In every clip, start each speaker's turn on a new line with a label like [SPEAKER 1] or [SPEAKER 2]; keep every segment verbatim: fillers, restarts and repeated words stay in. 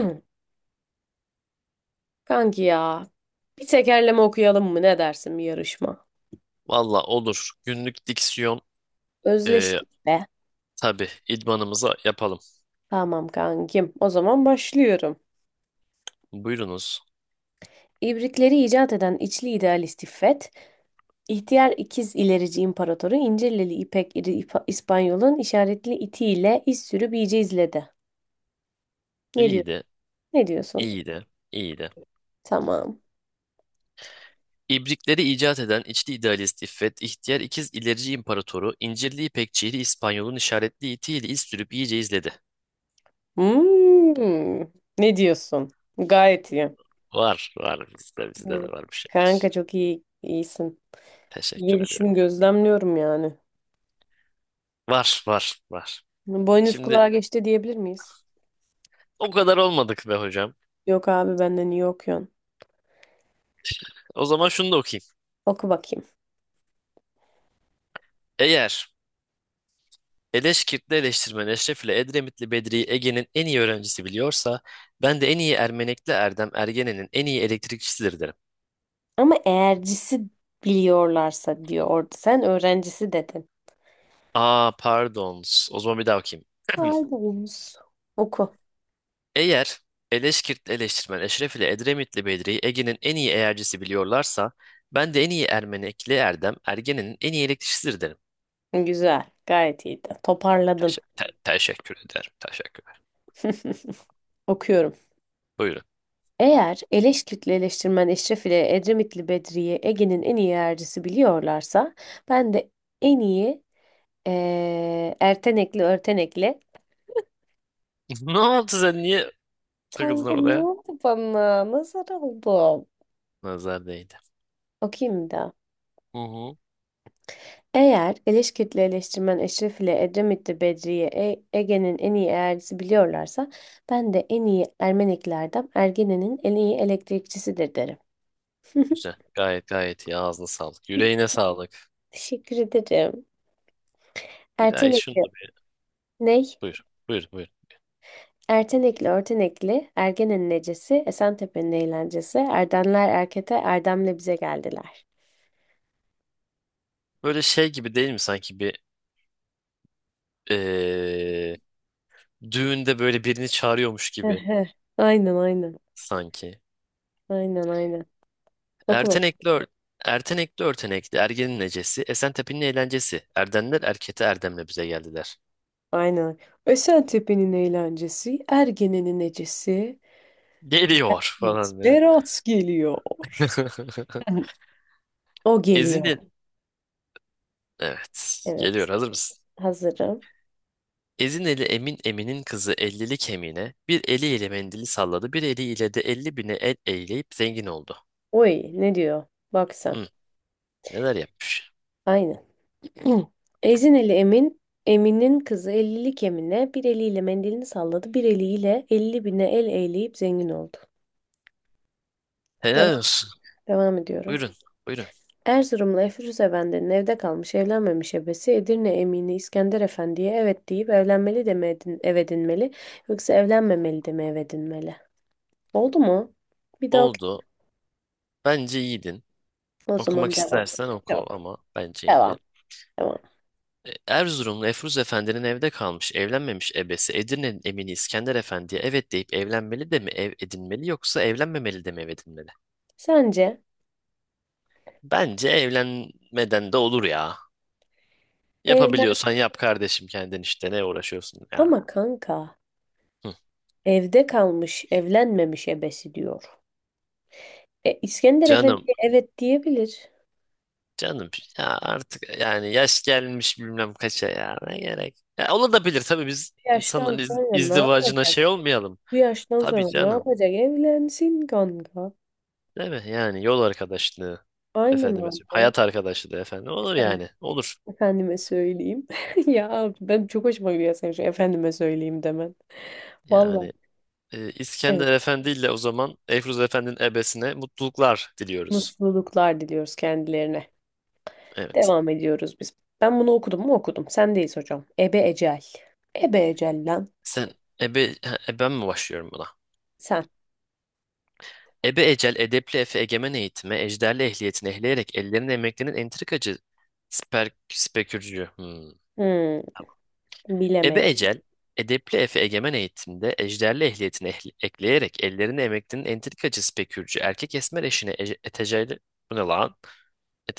[SPEAKER 1] Hı, kanki ya. Bir tekerleme okuyalım mı? Ne dersin, bir yarışma?
[SPEAKER 2] Valla olur. Günlük diksiyon e,
[SPEAKER 1] Özleştik be.
[SPEAKER 2] tabii idmanımıza yapalım.
[SPEAKER 1] Tamam kankim. O zaman başlıyorum.
[SPEAKER 2] Buyurunuz.
[SPEAKER 1] İbrikleri icat eden içli idealist İffet, ihtiyar ikiz ilerici imparatoru İncirlili İpek İri İpa- İspanyol'un işaretli itiyle iz sürüp iyice izledi. Ne
[SPEAKER 2] İyi
[SPEAKER 1] diyorsun?
[SPEAKER 2] de,
[SPEAKER 1] Ne diyorsun?
[SPEAKER 2] iyi de, iyi de.
[SPEAKER 1] Tamam.
[SPEAKER 2] İbrikleri icat eden içli idealist İffet, ihtiyar ikiz ilerici imparatoru, incirli İpekçili İspanyol'un işaretli itiyle iz sürüp iyice izledi.
[SPEAKER 1] Hmm. Ne diyorsun? Gayet iyi.
[SPEAKER 2] Var, var bizde, bizde de
[SPEAKER 1] Evet.
[SPEAKER 2] var bir şey.
[SPEAKER 1] Kanka çok iyi iyisin.
[SPEAKER 2] Teşekkür
[SPEAKER 1] Gelişim
[SPEAKER 2] ediyorum.
[SPEAKER 1] gözlemliyorum yani.
[SPEAKER 2] Var, var, var.
[SPEAKER 1] Boynuz
[SPEAKER 2] Şimdi
[SPEAKER 1] kulağa geçti diyebilir miyiz?
[SPEAKER 2] o kadar olmadık be hocam.
[SPEAKER 1] Yok abi benden iyi okuyorsun.
[SPEAKER 2] O zaman şunu da okuyayım.
[SPEAKER 1] Oku bakayım.
[SPEAKER 2] Eğer Eleşkirtli eleştirmen Eşref ile Edremitli Bedri'yi Ege'nin en iyi öğrencisi biliyorsa, ben de en iyi Ermenekli Erdem Ergenen'in en iyi elektrikçisidir derim.
[SPEAKER 1] Ama eğercisi biliyorlarsa diyor orada. Sen öğrencisi dedin.
[SPEAKER 2] Aa pardon. O zaman bir daha okuyayım.
[SPEAKER 1] Pardon. Oku.
[SPEAKER 2] Eğer Eleşkirtli eleştirmen Eşref ile Edremitli Bedri'yi Ege'nin en iyi eğercisi biliyorlarsa, ben de en iyi Ermenekli Erdem Ergenen'in en iyi elektrikçisidir derim.
[SPEAKER 1] Güzel. Gayet iyiydi. Toparladın.
[SPEAKER 2] Teşe- te- teşekkür ederim. Teşekkürler.
[SPEAKER 1] Okuyorum.
[SPEAKER 2] Buyurun.
[SPEAKER 1] Eğer Eleşkütlü eleştirmen Eşref ile Edremitli Bedri'yi Ege'nin en iyi eğercisi biliyorlarsa ben de en iyi eee Ertenekli Örtenekli.
[SPEAKER 2] Ne oldu sen niye takıldın
[SPEAKER 1] Kanka ne
[SPEAKER 2] orada ya?
[SPEAKER 1] oldu bana? Nazar oldum.
[SPEAKER 2] Nazar değdi.
[SPEAKER 1] Okuyayım da.
[SPEAKER 2] Hı hı.
[SPEAKER 1] Eğer Eleşkirtli eleştirmen Eşref ile Edremitli Bedriye E- Ege'nin en iyi eğercisi biliyorlarsa ben de en iyi Ermeniklerden Ergene'nin en iyi elektrikçisidir derim.
[SPEAKER 2] Güzel. Gayet gayet iyi. Ağzına sağlık. Yüreğine sağlık.
[SPEAKER 1] Teşekkür ederim.
[SPEAKER 2] Bir daha şunu
[SPEAKER 1] Ertenekli
[SPEAKER 2] da bir...
[SPEAKER 1] ney?
[SPEAKER 2] Buyur. Buyur. Buyur.
[SPEAKER 1] Ertenekli Örtenekli, Ergene'nin necesi, Esentepe'nin eğlencesi, Erdemler Erkete, Erdem'le bize geldiler.
[SPEAKER 2] Böyle şey gibi değil mi sanki bir eee, düğünde böyle birini çağırıyormuş gibi
[SPEAKER 1] Ehe. Aynen aynen.
[SPEAKER 2] sanki.
[SPEAKER 1] Aynen aynen. Oku bak.
[SPEAKER 2] Ertenekli ör- Ertenekli örtenekli ergenin necesi, Esentepe'nin eğlencesi. Erdenler erkete erdemle bize geldiler.
[SPEAKER 1] Aynen. Esentepe'nin eğlencesi, Ergene'nin necesi.
[SPEAKER 2] Geliyor
[SPEAKER 1] Evet,
[SPEAKER 2] falan diye.
[SPEAKER 1] Berat geliyor. O geliyor.
[SPEAKER 2] Ezine... Evet. Geliyor.
[SPEAKER 1] Evet.
[SPEAKER 2] Hazır mısın?
[SPEAKER 1] Hazırım.
[SPEAKER 2] Ezineli Emin Emin'in kızı Ellili Kemine bir eliyle mendili salladı, bir eliyle de elli bine el eğleyip zengin oldu.
[SPEAKER 1] Oy, ne diyor? Bak sen.
[SPEAKER 2] Hı, neler yapmış?
[SPEAKER 1] Aynen. Ezin Emin. Emin'in kızı ellilik Emine bir eliyle mendilini salladı. Bir eliyle elli bine el eğleyip zengin oldu.
[SPEAKER 2] Helal
[SPEAKER 1] Devam,
[SPEAKER 2] olsun.
[SPEAKER 1] devam ediyorum.
[SPEAKER 2] Buyurun, buyurun.
[SPEAKER 1] Erzurumlu Efruz Efendi'nin evde kalmış evlenmemiş ebesi Edirne Emini İskender Efendi'ye evet deyip evlenmeli de mi edin, ev edinmeli yoksa evlenmemeli de mi ev edinmeli? Oldu mu? Bir daha.
[SPEAKER 2] Oldu. Bence iyiydin.
[SPEAKER 1] O
[SPEAKER 2] Okumak
[SPEAKER 1] zaman devam.
[SPEAKER 2] istersen oku
[SPEAKER 1] Yok.
[SPEAKER 2] ama bence iyiydi.
[SPEAKER 1] Devam. Devam.
[SPEAKER 2] E, Erzurumlu Efruz Efendi'nin evde kalmış, evlenmemiş ebesi Edirne'nin emini İskender Efendi'ye evet deyip evlenmeli de mi ev edinmeli yoksa evlenmemeli de mi ev edinmeli?
[SPEAKER 1] Sence
[SPEAKER 2] Bence evlenmeden de olur ya.
[SPEAKER 1] evlen,
[SPEAKER 2] Yapabiliyorsan yap kardeşim kendin işte ne uğraşıyorsun ya.
[SPEAKER 1] ama kanka
[SPEAKER 2] Hı.
[SPEAKER 1] evde kalmış evlenmemiş ebesi diyor. E, İskender
[SPEAKER 2] Canım,
[SPEAKER 1] Efendi'ye evet diyebilir.
[SPEAKER 2] canım ya artık yani yaş gelmiş bilmem kaça ya ne gerek. Ya olabilir tabii biz
[SPEAKER 1] Bu yaştan
[SPEAKER 2] insanların iz-
[SPEAKER 1] sonra ne
[SPEAKER 2] izdivacına
[SPEAKER 1] yapacak?
[SPEAKER 2] şey olmayalım.
[SPEAKER 1] Bu yaştan
[SPEAKER 2] Tabii
[SPEAKER 1] sonra ne
[SPEAKER 2] canım.
[SPEAKER 1] yapacak? Evlensin kanka.
[SPEAKER 2] Değil mi? Yani yol arkadaşlığı
[SPEAKER 1] Aynen
[SPEAKER 2] efendime söyleyeyim.
[SPEAKER 1] abi.
[SPEAKER 2] Hayat arkadaşlığı efendim olur
[SPEAKER 1] Sen-
[SPEAKER 2] yani. Olur.
[SPEAKER 1] Efendime söyleyeyim. Ya abi, ben çok hoşuma gidiyor senin şu efendime söyleyeyim demen. Vallahi
[SPEAKER 2] Yani e,
[SPEAKER 1] evet.
[SPEAKER 2] İskender Efendi ile o zaman Eyfruz Efendi'nin ebesine mutluluklar diliyoruz.
[SPEAKER 1] Mutluluklar diliyoruz kendilerine.
[SPEAKER 2] Evet.
[SPEAKER 1] Devam ediyoruz biz. Ben bunu okudum mu okudum. Sen, sendeyiz hocam. Ebe Ecel. Ebe Ecel lan.
[SPEAKER 2] Sen ebe ha, eben mi başlıyorum buna?
[SPEAKER 1] Sen.
[SPEAKER 2] Ebe ecel, edepli efe, egemen eğitime, ejderli ehliyetini ehleyerek ellerin emeklerinin entrikacı sper, spekürcü. Hmm.
[SPEAKER 1] Hmm,
[SPEAKER 2] Ebe
[SPEAKER 1] bilemedim.
[SPEAKER 2] ecel, edepli efe, egemen eğitimde, ejderli ehliyetini ehli- ekleyerek ellerini emeklinin entrikacı spekürcü, erkek esmer eşine ece, etecerli, bu ne lan?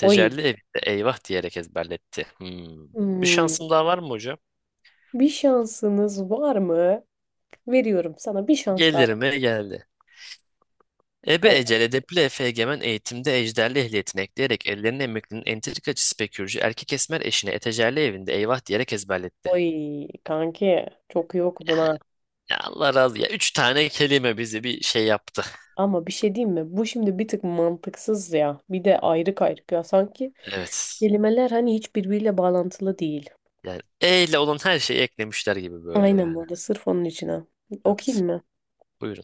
[SPEAKER 1] Oy.
[SPEAKER 2] evde eyvah diyerek ezberletti. Hmm. Bir
[SPEAKER 1] Hmm,
[SPEAKER 2] şansım daha var mı hocam?
[SPEAKER 1] bir şansınız var mı? Veriyorum sana bir şans daha.
[SPEAKER 2] Gelir mi? Geldi. Ebe
[SPEAKER 1] Evet.
[SPEAKER 2] ecel edepli Efe Egemen eğitimde ejderli ehliyetini ekleyerek ellerine emeklinin entrikacı spekürcü erkek esmer eşine etecerli evinde eyvah diyerek ezberletti.
[SPEAKER 1] Oy kanki, çok iyi okudun
[SPEAKER 2] Yani
[SPEAKER 1] ha.
[SPEAKER 2] ya Allah razı ya. Üç tane kelime bizi bir şey yaptı.
[SPEAKER 1] Ama bir şey diyeyim mi? Bu şimdi bir tık mantıksız ya. Bir de ayrık ayrık ya. Sanki
[SPEAKER 2] Evet.
[SPEAKER 1] kelimeler hani hiç birbiriyle bağlantılı değil.
[SPEAKER 2] Yani E ile olan her şeyi eklemişler gibi böyle
[SPEAKER 1] Aynen, bu
[SPEAKER 2] yani.
[SPEAKER 1] arada sırf onun için ha.
[SPEAKER 2] Evet.
[SPEAKER 1] Okuyayım mı?
[SPEAKER 2] Buyurun.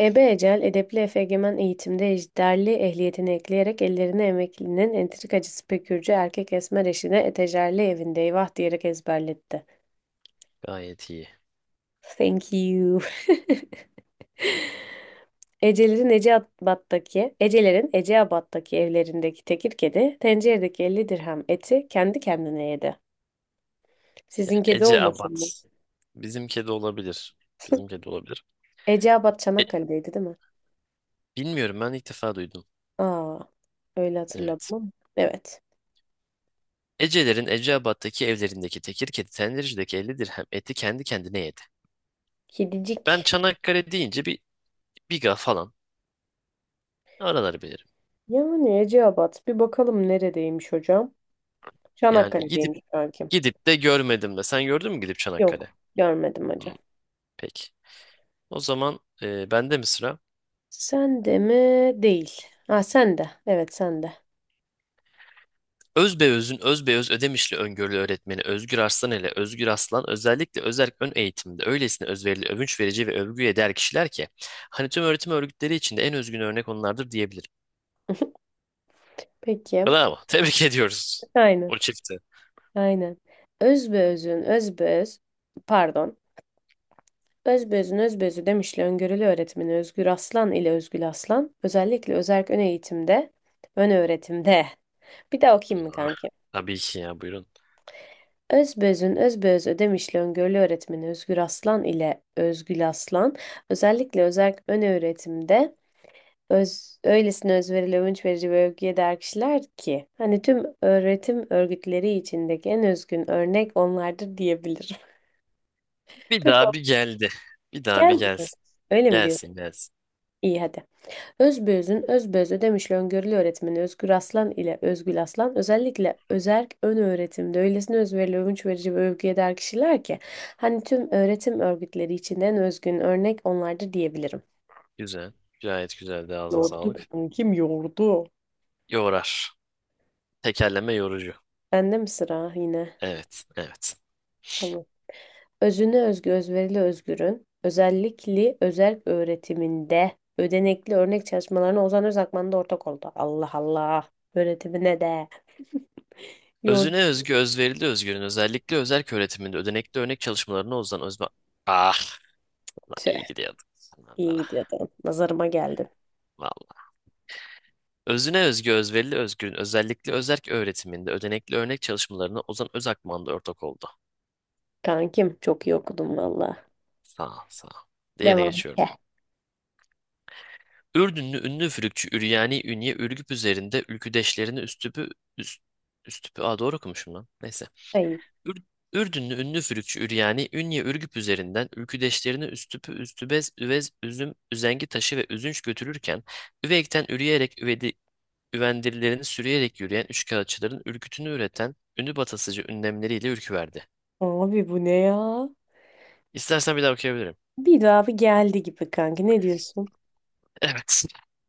[SPEAKER 1] Ebe Ecel, edepli efegemen eğitimde ejderli ehliyetini ekleyerek ellerine emeklinin entrikacı pekürcü erkek esmer eşine etejerli evinde eyvah diyerek ezberletti.
[SPEAKER 2] Gayet iyi.
[SPEAKER 1] Thank you. Ecelerin Eceabat'taki, Ecelerin Eceabat'taki evlerindeki tekir kedi, tenceredeki elli dirhem eti kendi kendine yedi. Sizin kedi
[SPEAKER 2] Ece Abad.
[SPEAKER 1] olmasın mı?
[SPEAKER 2] Bizim kedi olabilir. Bizim kedi olabilir.
[SPEAKER 1] Eceabat
[SPEAKER 2] E,
[SPEAKER 1] Çanakkale'deydi değil mi?
[SPEAKER 2] bilmiyorum ben ilk defa duydum.
[SPEAKER 1] Aa, öyle hatırladım
[SPEAKER 2] Evet.
[SPEAKER 1] ama. Evet.
[SPEAKER 2] Ecelerin Eceabat'taki evlerindeki tekir kedi tendircideki elli dirhem eti kendi kendine yedi.
[SPEAKER 1] Kedicik.
[SPEAKER 2] Ben Çanakkale deyince bir Biga falan araları bilirim.
[SPEAKER 1] Yani Eceabat, bir bakalım neredeymiş hocam.
[SPEAKER 2] Yani gidip
[SPEAKER 1] Çanakkale'deymiş kankim.
[SPEAKER 2] gidip de görmedim de. Sen gördün mü gidip
[SPEAKER 1] Yok,
[SPEAKER 2] Çanakkale?
[SPEAKER 1] görmedim hocam.
[SPEAKER 2] Hmm, peki. O zaman e, bende mi sıra?
[SPEAKER 1] Sen de mi? Değil. Ha, sen de. Evet, sen de.
[SPEAKER 2] Özbeöz'ün Özbeöz Ödemişli öngörülü öğretmeni Özgür Arslan ile Özgür Aslan özellikle özerk ön eğitimde öylesine özverili, övünç verici ve övgüye değer kişiler ki hani tüm öğretim örgütleri içinde en özgün örnek onlardır diyebilirim.
[SPEAKER 1] Peki.
[SPEAKER 2] Bravo. Tebrik ediyoruz.
[SPEAKER 1] Aynen.
[SPEAKER 2] O çifti.
[SPEAKER 1] Aynen. Özbeözün özbeöz pardon. Özbeözün özbeözü demişle öngörülü öğretmeni Özgür Aslan ile Özgül Aslan özellikle özerk ön eğitimde ön öğretimde. Bir daha okuyayım mı
[SPEAKER 2] Hmm,
[SPEAKER 1] kankim?
[SPEAKER 2] tabii ki ya buyurun.
[SPEAKER 1] Özbeözün özbeöz ödemişli öngörülü öğretmeni Özgür Aslan ile Özgül Aslan özellikle özerk ön öğretimde öz, öylesine özverili, övünç verici ve övgüye değer kişiler ki hani tüm öğretim örgütleri içindeki en özgün örnek onlardır diyebilirim.
[SPEAKER 2] Bir
[SPEAKER 1] Peki o
[SPEAKER 2] daha bir geldi. Bir daha bir
[SPEAKER 1] geldi mi?
[SPEAKER 2] gelsin.
[SPEAKER 1] Öyle mi diyorsun?
[SPEAKER 2] Gelsin gelsin.
[SPEAKER 1] İyi hadi. Özbeözün özbeöz ödemişli öngörülü öğretmeni Özgür Aslan ile Özgül Aslan özellikle özerk ön öğretimde öylesine özverili, övünç verici ve övgüye değer kişiler ki hani tüm öğretim örgütleri içinden özgün örnek onlardır diyebilirim.
[SPEAKER 2] Güzel. Gayet güzel de ağzına
[SPEAKER 1] Doğru.
[SPEAKER 2] sağlık. Yorar. Tekerleme yorucu.
[SPEAKER 1] Bende mi sıra yine?
[SPEAKER 2] Evet, evet.
[SPEAKER 1] Tamam. Özüne özgü, özverili özgürün özellikle özel öğretiminde ödenekli örnek çalışmalarına Ozan Özakman da ortak oldu. Allah Allah. Öğretimine de. Yurt.
[SPEAKER 2] Özüne özgü özverili özgürün özellikle özerk öğretiminde ödenekli örnek çalışmalarına uzanan özme... Ah lan
[SPEAKER 1] Tüh,
[SPEAKER 2] iyi gidiyorduk.
[SPEAKER 1] iyi
[SPEAKER 2] Nazara.
[SPEAKER 1] gidiyordun. Nazarıma geldin.
[SPEAKER 2] Vallahi. Özüne özgü özverili özgürün özellikle özerk öğretiminde ödenekli örnek çalışmalarına Ozan Özakman'da ortak oldu.
[SPEAKER 1] Kankim, çok iyi okudum valla.
[SPEAKER 2] Sağ ol, sağ ol. Diğerine
[SPEAKER 1] Devam.
[SPEAKER 2] geçiyorum.
[SPEAKER 1] Heh.
[SPEAKER 2] Ürdünlü ünlü üfürükçü Üryani Ünye Ürgüp üzerinde ülküdeşlerini üstüpü üst, üstüpü. Aa doğru okumuşum lan. Neyse.
[SPEAKER 1] Ayıp.
[SPEAKER 2] Ür- Ürdünlü ünlü fülükçü Üryani, Ünye Ürgüp üzerinden ülküdeşlerini Üstüpü, Üstübez, Üvez, Üzüm, Üzengi taşı ve Üzünç götürürken, Üveyk'ten üreyerek üvedi, üvendirilerini sürüyerek yürüyen üçkağıtçıların ürkütünü üreten ünlü batasıcı ünlemleriyle ürküverdi.
[SPEAKER 1] Abi bu ne ya?
[SPEAKER 2] İstersen bir daha okuyabilirim.
[SPEAKER 1] Bir daha bir geldi gibi kanki. Ne diyorsun?
[SPEAKER 2] Evet.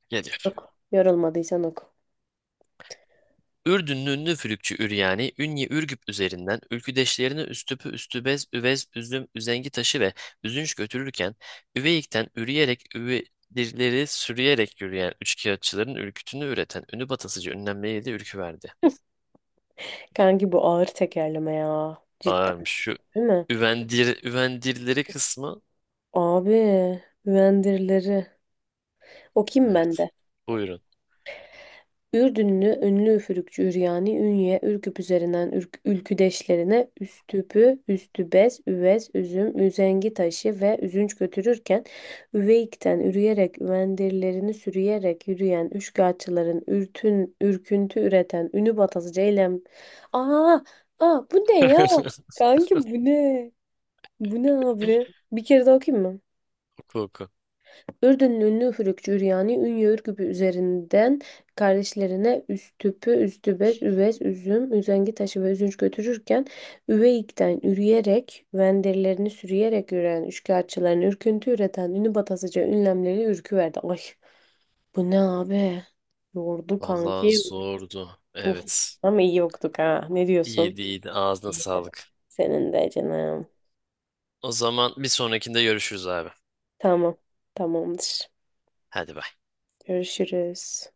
[SPEAKER 2] Geliyor.
[SPEAKER 1] Yorulmadıysan oku.
[SPEAKER 2] Ürdünlü ünlü Fülükçü Üryani, Ünye Ürgüp üzerinden ülküdeşlerini Üstüpü, Üstübez, Üvez, Üzüm, Üzengi taşı ve Üzünç götürürken, Üveyik'ten üreyerek üvedirleri sürüyerek yürüyen üçkağıtçıların ürkütünü üreten ünü batasıcı ünlemleriyle de ürkü verdi.
[SPEAKER 1] Kanki bu ağır tekerleme ya. Cidden
[SPEAKER 2] Ağırmış şu
[SPEAKER 1] değil mi?
[SPEAKER 2] üvendir, üvendirleri kısmı.
[SPEAKER 1] Abi. Vendirileri. Okuyayım ben
[SPEAKER 2] Evet.
[SPEAKER 1] de.
[SPEAKER 2] Buyurun.
[SPEAKER 1] Ürdünlü ünlü üfürükçü Üryani, Ünye, Ürküp üzerinden ürk, ülküdeşlerine Üstüpü, Üstübez, Üvez, Üzüm, Üzengi taşı ve üzünç götürürken Üveyik'ten ürüyerek, Üvendirlerini sürüyerek yürüyen Üçkağıtçıların ürtün, ürküntü üreten Ünü batası Ceylem. Aa, aa bu ne ya? Kanki bu ne? Bu ne abi? Bir kere daha okuyayım mı?
[SPEAKER 2] Oku oku.
[SPEAKER 1] Ürdünlü ünlü üfürükçü Üryani Ünye Ürgüp'ü üzerinden kardeşlerine Üstüp'ü, Üstübez, Üvez, Üzüm, Üzengi taşı ve Üzünç götürürken Üveyik'ten üreyerek, venderlerini sürüyerek üreyen üçkağıtçıların ürküntü üreten ünlü batasıca ünlemleri ürküverdi. Ay, bu ne abi? Yordu
[SPEAKER 2] Vallahi
[SPEAKER 1] kanki.
[SPEAKER 2] zordu.
[SPEAKER 1] Uf.
[SPEAKER 2] Evet.
[SPEAKER 1] Ama iyi yoktuk ha. Ne diyorsun?
[SPEAKER 2] İyiydi iyiydi. Ağzına sağlık.
[SPEAKER 1] Senin de canım.
[SPEAKER 2] O zaman bir sonrakinde görüşürüz abi.
[SPEAKER 1] Tamam. Tamamdır.
[SPEAKER 2] Hadi bay.
[SPEAKER 1] Görüşürüz.